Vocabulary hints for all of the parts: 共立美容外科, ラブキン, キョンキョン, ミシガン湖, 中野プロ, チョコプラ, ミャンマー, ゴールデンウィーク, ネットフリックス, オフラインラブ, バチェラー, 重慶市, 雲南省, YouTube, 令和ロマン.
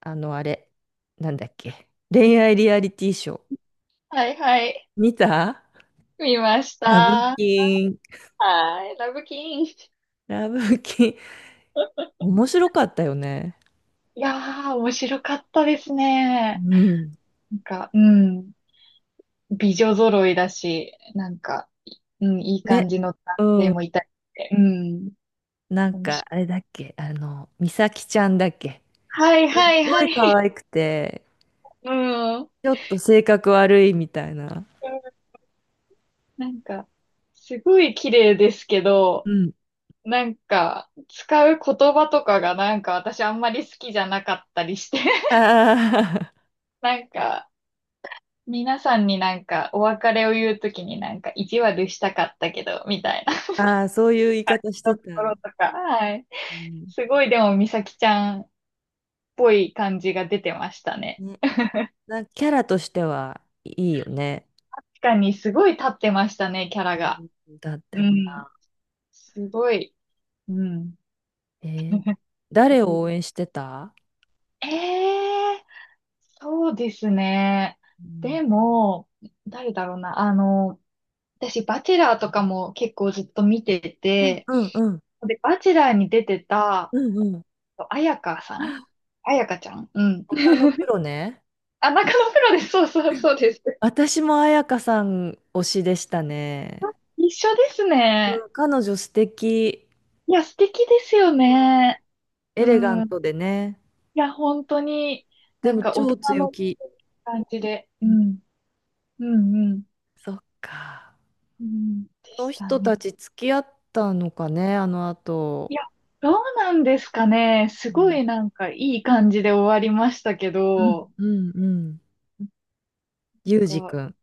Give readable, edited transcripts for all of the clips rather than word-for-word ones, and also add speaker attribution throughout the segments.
Speaker 1: あの、あれ、なんだっけ。恋愛リアリティショー。
Speaker 2: はいはい。
Speaker 1: 見た。
Speaker 2: 見まし
Speaker 1: ラブ
Speaker 2: た。
Speaker 1: キン。
Speaker 2: はい。ラブキン。い
Speaker 1: ラブキン。面白かったよね。
Speaker 2: やー、面白かったです
Speaker 1: う
Speaker 2: ね。
Speaker 1: ん。
Speaker 2: なんか、うん。美女揃いだし、なんか、いうん、いい
Speaker 1: ね。
Speaker 2: 感じの男
Speaker 1: う
Speaker 2: 性
Speaker 1: ん。
Speaker 2: もいたりして。うん。
Speaker 1: なん
Speaker 2: 面
Speaker 1: か、
Speaker 2: 白い。
Speaker 1: あれだっけ。あの、美咲ちゃんだっけ。
Speaker 2: はい
Speaker 1: すっ
Speaker 2: はい
Speaker 1: ご
Speaker 2: は
Speaker 1: い可
Speaker 2: い。
Speaker 1: 愛くて、
Speaker 2: うん。うん、
Speaker 1: ちょっと性格悪いみたいな。
Speaker 2: なんか、すごい綺麗ですけ
Speaker 1: う
Speaker 2: ど、
Speaker 1: ん。
Speaker 2: なんか、使う言葉とかがなんか私あんまり好きじゃなかったりして。
Speaker 1: あ
Speaker 2: なんか、皆さんになんかお別れを言うときになんか意地悪したかったけど、みたいな。
Speaker 1: あ、ああ、そういう言い方し
Speaker 2: と
Speaker 1: てた。
Speaker 2: ころとか。はい。
Speaker 1: うん。
Speaker 2: すごいでも美咲ちゃんっぽい感じが出てましたね。
Speaker 1: ね。なんかキャラとしてはいいよね。
Speaker 2: 確かにすごい立ってましたね、キャラ
Speaker 1: う
Speaker 2: が。
Speaker 1: ん、だっ
Speaker 2: う
Speaker 1: て。
Speaker 2: ん。すごい。うん。
Speaker 1: えー
Speaker 2: す
Speaker 1: 誰
Speaker 2: ご
Speaker 1: を
Speaker 2: い。
Speaker 1: 応援してた？
Speaker 2: ええ、そうですね。
Speaker 1: うん、
Speaker 2: でも、誰だろうな。あの、私、バチェラーとかも結構ずっと見てて、
Speaker 1: うん、うん、
Speaker 2: で、バチェラーに出てた、
Speaker 1: うん、うん、うん。
Speaker 2: あやかさん、あやかちゃん、うん。
Speaker 1: 他 のプロね。
Speaker 2: あ、中野プロです。そうそうそうです。
Speaker 1: 私も彩香さん推しでしたね。
Speaker 2: 一緒です
Speaker 1: う
Speaker 2: ね。
Speaker 1: ん、彼女素敵、
Speaker 2: いや、素敵ですよね。
Speaker 1: エレガ
Speaker 2: う
Speaker 1: ン
Speaker 2: ん。い
Speaker 1: トでね。
Speaker 2: や、本当に、
Speaker 1: で
Speaker 2: なん
Speaker 1: も
Speaker 2: か大
Speaker 1: 超
Speaker 2: 人
Speaker 1: 強
Speaker 2: の
Speaker 1: 気。
Speaker 2: 感じで。
Speaker 1: う
Speaker 2: う
Speaker 1: ん。
Speaker 2: ん。うんうん。
Speaker 1: そっか。
Speaker 2: うん。で
Speaker 1: この
Speaker 2: した
Speaker 1: 人
Speaker 2: ね。
Speaker 1: たち付き合ったのかね、あの
Speaker 2: い
Speaker 1: 後。
Speaker 2: や、どうなんですかね。す
Speaker 1: う
Speaker 2: ご
Speaker 1: ん、
Speaker 2: いなんかいい感じで終わりましたけ
Speaker 1: う
Speaker 2: ど、
Speaker 1: ん、うん、うん。
Speaker 2: なん
Speaker 1: ユージ
Speaker 2: か、
Speaker 1: くん。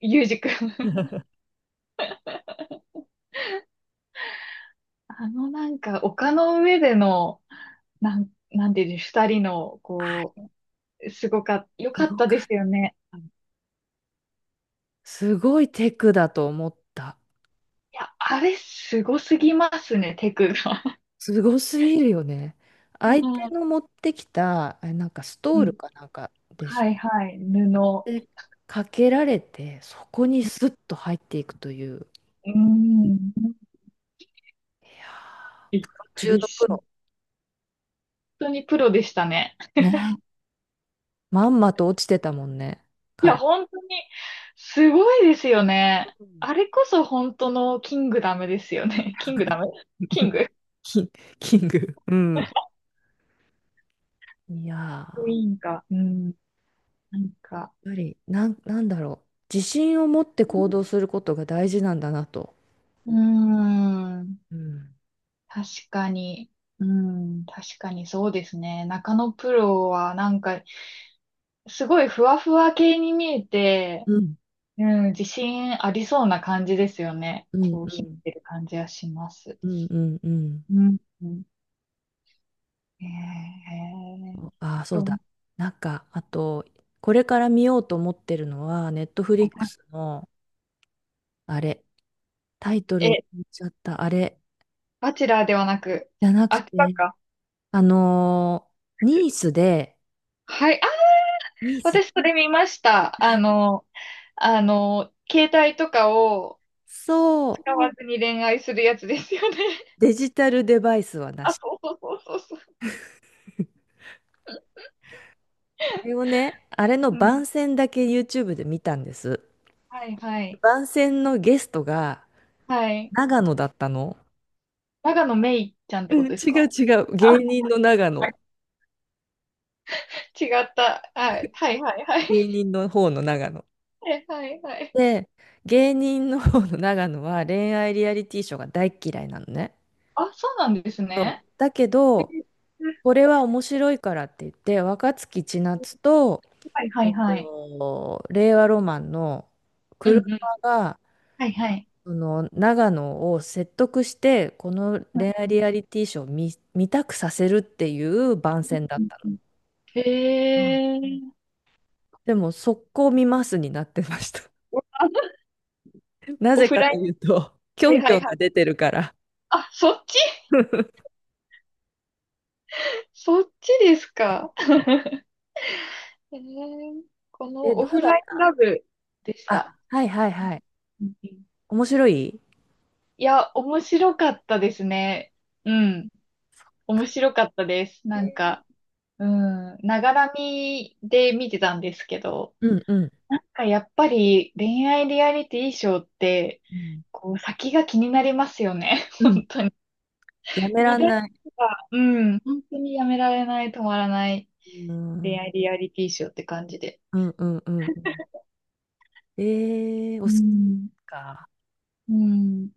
Speaker 2: ゆうじくん。 あのなんか丘の上での、なんていうの、二人の、こう、すごかった、よ
Speaker 1: す
Speaker 2: かっ
Speaker 1: ご
Speaker 2: たで
Speaker 1: かっ
Speaker 2: すよね。
Speaker 1: た。すごいテクだと思った。
Speaker 2: いや、あれ、すごすぎますね、テクが。
Speaker 1: すごすぎるよね。
Speaker 2: う
Speaker 1: 相手
Speaker 2: ん
Speaker 1: の持ってきた、あ、なんかスト
Speaker 2: う
Speaker 1: ール
Speaker 2: ん。
Speaker 1: かなんかでし
Speaker 2: はいはい、布。う
Speaker 1: て、でかけられて、そこにスッと入っていくという。
Speaker 2: ーん。
Speaker 1: いやー、プ
Speaker 2: びっ
Speaker 1: ロ
Speaker 2: く
Speaker 1: 中
Speaker 2: り
Speaker 1: のプ
Speaker 2: し、本
Speaker 1: ロ。
Speaker 2: 当にプロでしたね。
Speaker 1: ね。まんまと落ちてたもんね、
Speaker 2: いや、
Speaker 1: 彼。
Speaker 2: 本当に、すごいですよね。
Speaker 1: うん。
Speaker 2: あれこそ本当のキングダムですよね。キングダム、キン グ
Speaker 1: キン、キング。うん。いやー、や
Speaker 2: ク
Speaker 1: っ
Speaker 2: イーンか。うん。なんか。
Speaker 1: ぱり、なんだろう。自信を持って行動することが大事なんだなと。
Speaker 2: うーん。
Speaker 1: うん。
Speaker 2: 確かに。うん。確かにそうですね。中野プロはなんかすごいふわふわ系に見えて、
Speaker 1: うん。
Speaker 2: うん、自信ありそうな感じですよね。
Speaker 1: うん。
Speaker 2: こう、
Speaker 1: う
Speaker 2: 秘
Speaker 1: ん。
Speaker 2: めてる感じはします。
Speaker 1: うん。うん。うん。
Speaker 2: うん。うん。えー、
Speaker 1: ああ、そう
Speaker 2: ロ
Speaker 1: だ。なんか、あと、これから見ようと思ってるのは、ネットフ
Speaker 2: は
Speaker 1: リッ
Speaker 2: い
Speaker 1: ク
Speaker 2: は
Speaker 1: スの、あれ、タイト
Speaker 2: い。
Speaker 1: ルを
Speaker 2: え、
Speaker 1: 言っちゃった、あれ、
Speaker 2: バチェラーではなく、
Speaker 1: じゃなく
Speaker 2: あキ
Speaker 1: て、
Speaker 2: か。
Speaker 1: あのニースで、
Speaker 2: はい。あ、
Speaker 1: ニース、
Speaker 2: 私それ見ました。あの、あの、携帯とかを
Speaker 1: そう、
Speaker 2: 使わずに恋愛するやつですよね。
Speaker 1: デジタルデバイスはな
Speaker 2: あ、
Speaker 1: し。
Speaker 2: そうそうそうそうそ
Speaker 1: あれをね、あれの
Speaker 2: う。うん。
Speaker 1: 番宣だけ YouTube で見たんです。
Speaker 2: はいはい。
Speaker 1: 番宣のゲストが
Speaker 2: はい。
Speaker 1: 長野だったの。
Speaker 2: 長野めいちゃんっ
Speaker 1: う
Speaker 2: てこ
Speaker 1: ん、
Speaker 2: とです
Speaker 1: 違
Speaker 2: か。
Speaker 1: う違う。
Speaker 2: あ、
Speaker 1: 芸人の長野。
Speaker 2: 違った。はい。はいはいはい。
Speaker 1: 芸人の方の長野。
Speaker 2: はいはいはい。
Speaker 1: で、芸人の方の長野は恋愛リアリティショーが大っ嫌いなのね。
Speaker 2: あ、そうなんですね。
Speaker 1: だけ
Speaker 2: え、
Speaker 1: ど、これは面白いからって言って、若槻千夏と、
Speaker 2: はいは
Speaker 1: え
Speaker 2: い
Speaker 1: っ
Speaker 2: はい。
Speaker 1: と、令和ロマンの
Speaker 2: うん
Speaker 1: 車
Speaker 2: うん。
Speaker 1: が、
Speaker 2: はいはい。
Speaker 1: その長野を説得して、この
Speaker 2: う
Speaker 1: 恋愛
Speaker 2: ん
Speaker 1: リアリティショーを見たくさせるっていう番宣だ
Speaker 2: う
Speaker 1: っ
Speaker 2: ん
Speaker 1: たの。
Speaker 2: うん。へ
Speaker 1: うん。
Speaker 2: え。
Speaker 1: でも、速攻見ますになってました。
Speaker 2: オ
Speaker 1: な
Speaker 2: オ
Speaker 1: ぜ
Speaker 2: フ
Speaker 1: か
Speaker 2: ラ
Speaker 1: と
Speaker 2: イン。
Speaker 1: いうと、キョ
Speaker 2: はい
Speaker 1: ンキ
Speaker 2: は
Speaker 1: ョ
Speaker 2: い
Speaker 1: ン
Speaker 2: はい。
Speaker 1: が出てるから。
Speaker 2: あ、そっち。 そっちですか。へえ。この
Speaker 1: え、ど
Speaker 2: オ
Speaker 1: う
Speaker 2: フ
Speaker 1: だ
Speaker 2: ラ
Speaker 1: っ
Speaker 2: インラブでした。
Speaker 1: あ、はいはいはい。
Speaker 2: うんうん。
Speaker 1: 面白い
Speaker 2: いや、面白かったですね。うん。面白かったです。なんか、
Speaker 1: ね。
Speaker 2: うん。ながらみで見てたんですけど、
Speaker 1: うん、うん。
Speaker 2: なんかやっぱり恋愛リアリティショーって、
Speaker 1: うん。
Speaker 2: こう先が気になりますよね。
Speaker 1: うん。
Speaker 2: 本当に。
Speaker 1: やめら
Speaker 2: 見
Speaker 1: ん
Speaker 2: 出し
Speaker 1: ない。
Speaker 2: が、うん、本当にやめられない、止まらない
Speaker 1: うん。う
Speaker 2: 恋
Speaker 1: ん、
Speaker 2: 愛リアリティショーって感じで。
Speaker 1: うん、うん、うん。
Speaker 2: う
Speaker 1: おすす
Speaker 2: ん、
Speaker 1: めか。
Speaker 2: うん、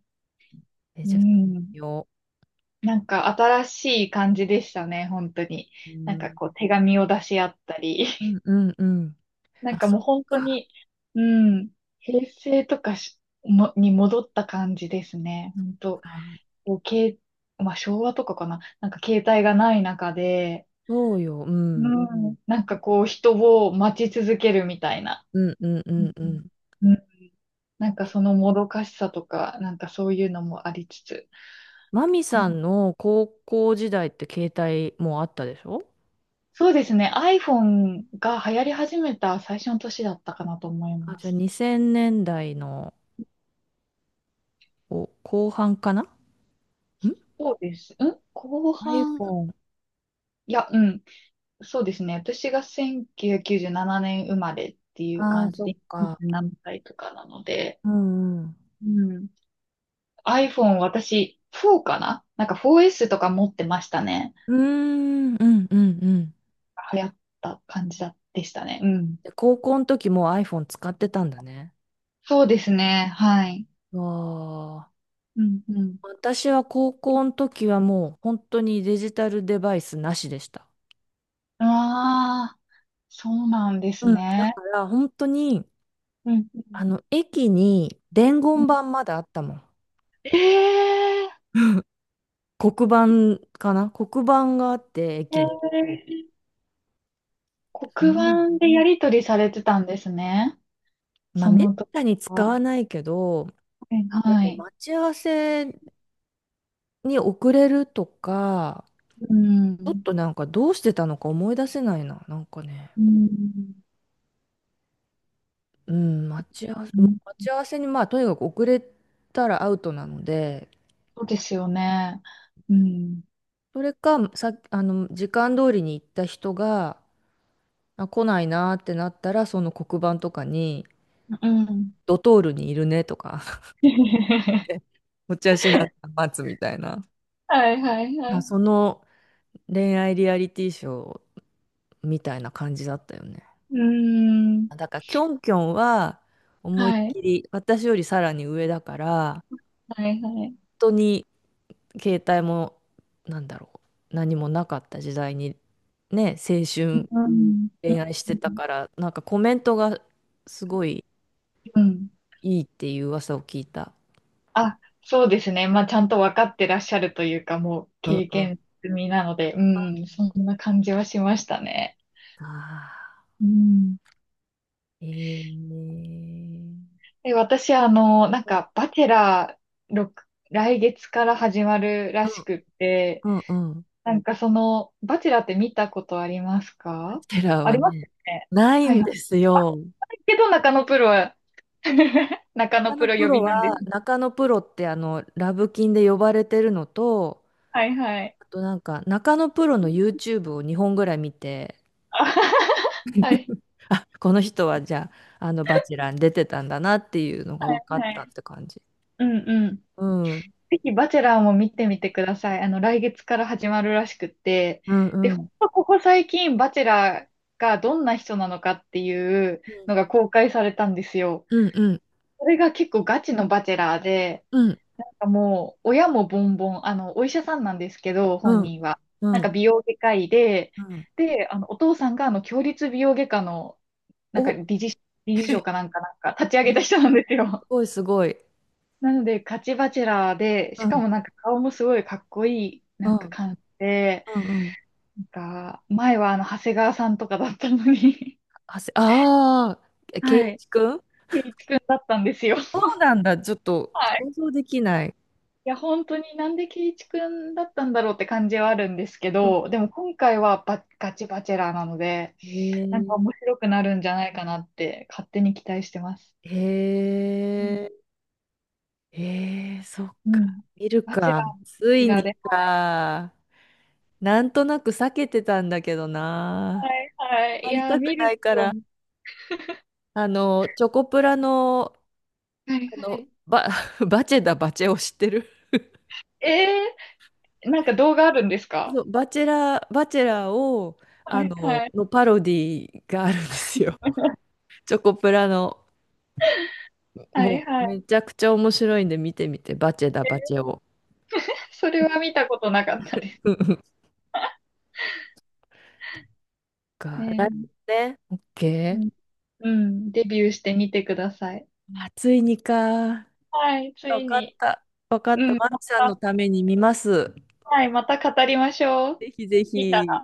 Speaker 1: え、
Speaker 2: う
Speaker 1: じゃあ、
Speaker 2: ん。
Speaker 1: よ
Speaker 2: なんか新しい感じでしたね、本当に。
Speaker 1: う。う
Speaker 2: なんか
Speaker 1: ん。
Speaker 2: こう手紙を出し合ったり。
Speaker 1: うん、 うん、うん。
Speaker 2: なん
Speaker 1: あ、
Speaker 2: か
Speaker 1: そ
Speaker 2: も
Speaker 1: っ
Speaker 2: う本当
Speaker 1: か。
Speaker 2: に、うん、平成とかしもに戻った感じですね、本当。
Speaker 1: あ、
Speaker 2: こう、まあ昭和とかかな。なんか携帯がない中で、
Speaker 1: そうよ。う
Speaker 2: う
Speaker 1: ん。
Speaker 2: ん。なんかこう人を待ち続けるみたいな。
Speaker 1: うん、うん、う
Speaker 2: う
Speaker 1: ん、う
Speaker 2: ん
Speaker 1: ん。
Speaker 2: うん。なんか
Speaker 1: え、
Speaker 2: そのもどかしさとか、なんかそういうのもありつつ。
Speaker 1: マミ
Speaker 2: うん、
Speaker 1: さんの高校時代って携帯もうあったでしょ？
Speaker 2: そうですね。iPhone が流行り始めた最初の年だったかなと思い
Speaker 1: あ、
Speaker 2: ま
Speaker 1: じゃあ
Speaker 2: す。
Speaker 1: 2000年代のお後半かなん、
Speaker 2: そうです。うん、後半、
Speaker 1: iPhone。
Speaker 2: いや、うん。そうですね。私が1997年生まれっていう
Speaker 1: ああ、
Speaker 2: 感じ
Speaker 1: そっ
Speaker 2: で、
Speaker 1: か。
Speaker 2: 27歳とかなので、
Speaker 1: うん、うん。
Speaker 2: うん。iPhone 私4かななんか 4S とか持ってましたね。
Speaker 1: うーん、うん、うん、うん。
Speaker 2: 流行った感じだでしたね。うん。
Speaker 1: で、高校の時もう iPhone 使ってたんだね。
Speaker 2: そうですね。はい。
Speaker 1: わあ。
Speaker 2: うんうん。
Speaker 1: 私は高校の時はもう本当にデジタルデバイスなしでした。
Speaker 2: ああ、そうなんです
Speaker 1: うん。だ
Speaker 2: ね。
Speaker 1: から本当に、
Speaker 2: うん
Speaker 1: あの、駅に伝
Speaker 2: う
Speaker 1: 言
Speaker 2: ん。
Speaker 1: 板まだあったもん。
Speaker 2: ええ、
Speaker 1: 黒板かな、黒板があって、駅
Speaker 2: え
Speaker 1: に。
Speaker 2: え、
Speaker 1: そ
Speaker 2: 黒
Speaker 1: んなに
Speaker 2: 板でやり取りされてたんですね。
Speaker 1: まあ、
Speaker 2: そ
Speaker 1: めっ
Speaker 2: の時
Speaker 1: たに使
Speaker 2: は。
Speaker 1: わないけど、で
Speaker 2: は
Speaker 1: も
Speaker 2: い。
Speaker 1: 待ち合わせに遅れるとか、
Speaker 2: う
Speaker 1: ちょっ
Speaker 2: ん。
Speaker 1: となんかどうしてたのか思い出せないな。なんかね。
Speaker 2: うん。
Speaker 1: うん、待ち合わせ、
Speaker 2: う
Speaker 1: もう
Speaker 2: ん、
Speaker 1: 待ち合わせに、まあ、とにかく遅れたらアウトなので、
Speaker 2: そうですよね。うん。
Speaker 1: それか、さ、あの、時間通りに行った人が、あ、来ないなーってなったら、その黒板とかに、
Speaker 2: うん。
Speaker 1: ドトールにいるねとか、 お茶しながら待つみたいな。
Speaker 2: はいはいは
Speaker 1: あ、
Speaker 2: い。
Speaker 1: その恋愛リアリティショーみたいな感じだったよね。
Speaker 2: うーん。
Speaker 1: だから、キョンキョンは、思い
Speaker 2: は
Speaker 1: っ
Speaker 2: い。
Speaker 1: きり、私よりさらに上だから、
Speaker 2: はい、はい。
Speaker 1: 本当に携帯もなんだろう、何もなかった時代にね、青春
Speaker 2: うん。
Speaker 1: 恋愛し
Speaker 2: う
Speaker 1: てた
Speaker 2: ん。
Speaker 1: からなんかコメントがすごい
Speaker 2: うん。
Speaker 1: いいっていう噂を聞いた。
Speaker 2: あ、そうですね。まあ、ちゃんと分かってらっしゃるというか、もう
Speaker 1: うん、
Speaker 2: 経
Speaker 1: うん。
Speaker 2: 験済みなので、うん、そんな感じはしましたね。
Speaker 1: ああ、
Speaker 2: うん。
Speaker 1: えー、
Speaker 2: で、私、あの、なん
Speaker 1: うん、
Speaker 2: か、バチェラー6、来月から始まるらし
Speaker 1: う
Speaker 2: くって、
Speaker 1: ん、うん、うん。
Speaker 2: なんかその、バチェラーって見たことあります
Speaker 1: ハ
Speaker 2: か。
Speaker 1: テラ
Speaker 2: あ
Speaker 1: は
Speaker 2: ります
Speaker 1: ね、
Speaker 2: よね。
Speaker 1: ない
Speaker 2: はい
Speaker 1: ん
Speaker 2: はい。
Speaker 1: です
Speaker 2: あ、
Speaker 1: よ。
Speaker 2: けど中野プロは、中野
Speaker 1: 中
Speaker 2: プ
Speaker 1: 野
Speaker 2: ロ
Speaker 1: プ
Speaker 2: 呼
Speaker 1: ロ
Speaker 2: びなんです。
Speaker 1: は、中野プロってあの、ラブキンで呼ばれてるのと、
Speaker 2: はいはい。
Speaker 1: あとなんか、中野プロの YouTube を2本ぐらい見て、
Speaker 2: はい。
Speaker 1: あ、この人はじゃあ、あの、バチェラーに出てたんだなっていうのが
Speaker 2: は
Speaker 1: 分かったっ
Speaker 2: い。
Speaker 1: て感じ。
Speaker 2: うんうん。
Speaker 1: うん。
Speaker 2: ぜひ、バチェラーも見てみてください。あの、来月から始まるらしくって。
Speaker 1: うん、
Speaker 2: で、
Speaker 1: う
Speaker 2: ほん
Speaker 1: ん。
Speaker 2: とここ最近、バチェラーがどんな人なのかっていう
Speaker 1: うん、
Speaker 2: のが公開されたんですよ。
Speaker 1: うん、うん、
Speaker 2: それが結構ガチのバチェラーで、
Speaker 1: うん、
Speaker 2: なんかもう、親もボンボン、あの、お医者さんなんですけど、本人は。
Speaker 1: う
Speaker 2: なんか
Speaker 1: ん、
Speaker 2: 美容外科医で、
Speaker 1: うん。
Speaker 2: で、あの、お父さんが、あの、共立美容外科の、なんか
Speaker 1: お、
Speaker 2: 理事、理事長かなんか、なんか、立ち上げた人なんですよ。
Speaker 1: すごいすごい。
Speaker 2: なので、ガチバチェラーで、
Speaker 1: う
Speaker 2: しか
Speaker 1: ん、
Speaker 2: もなんか顔もすごいかっこいい、
Speaker 1: う
Speaker 2: なんか
Speaker 1: ん、
Speaker 2: 感じで、
Speaker 1: うん、うん。
Speaker 2: なんか、前はあの、長谷川さんとかだったのに。
Speaker 1: ああ、圭
Speaker 2: はい。
Speaker 1: 一くん。
Speaker 2: 圭一くんだったんですよ。
Speaker 1: そうなんだ。ちょっと
Speaker 2: はい。
Speaker 1: 想像できない。
Speaker 2: いや、本当になんで圭一くんだったんだろうって感じはあるんですけ
Speaker 1: うん。
Speaker 2: ど、でも今回はバガチバチェラーなので、
Speaker 1: へ
Speaker 2: なんか面白くなるんじゃないかなって勝手に期待してます。
Speaker 1: え、
Speaker 2: うん。
Speaker 1: へえ、へえ、そっ
Speaker 2: う
Speaker 1: か。
Speaker 2: ん、
Speaker 1: 見る
Speaker 2: バチェラ
Speaker 1: か。
Speaker 2: ー、バ
Speaker 1: つ
Speaker 2: チェ
Speaker 1: い
Speaker 2: ラー
Speaker 1: に
Speaker 2: で。
Speaker 1: か。なんとなく避けてたんだけどな。
Speaker 2: はい、
Speaker 1: あ
Speaker 2: はい。
Speaker 1: ま
Speaker 2: い
Speaker 1: り
Speaker 2: や、
Speaker 1: たく
Speaker 2: 見
Speaker 1: な
Speaker 2: る
Speaker 1: いか
Speaker 2: と、は
Speaker 1: ら。
Speaker 2: い、
Speaker 1: あの、チョコプラの、
Speaker 2: は
Speaker 1: あの、
Speaker 2: い。
Speaker 1: バ、バチェを知ってる？
Speaker 2: えーなんか動画あるんですか。
Speaker 1: そう、バチェラーを、
Speaker 2: は
Speaker 1: あ
Speaker 2: い
Speaker 1: の、
Speaker 2: はい。
Speaker 1: のパロディがあるんですよ。チョコプラの、
Speaker 2: は
Speaker 1: も
Speaker 2: いは
Speaker 1: うめ
Speaker 2: い。
Speaker 1: ちゃくちゃ面白いんで見てみて、バチェを。
Speaker 2: それは見たことなかったです。
Speaker 1: うん、うん、か、来
Speaker 2: ね
Speaker 1: 年ね。オッケ
Speaker 2: え。う
Speaker 1: ー。
Speaker 2: ん。うん、デビューしてみてください。
Speaker 1: あ、ついにか。
Speaker 2: はい、つ
Speaker 1: わ
Speaker 2: い
Speaker 1: かっ
Speaker 2: に。
Speaker 1: た。わかっ
Speaker 2: う
Speaker 1: た。
Speaker 2: ん、
Speaker 1: マル
Speaker 2: ま
Speaker 1: さんの
Speaker 2: た、
Speaker 1: ために見ます。
Speaker 2: はい、また語りましょう。
Speaker 1: ぜひぜ
Speaker 2: 見た
Speaker 1: ひ。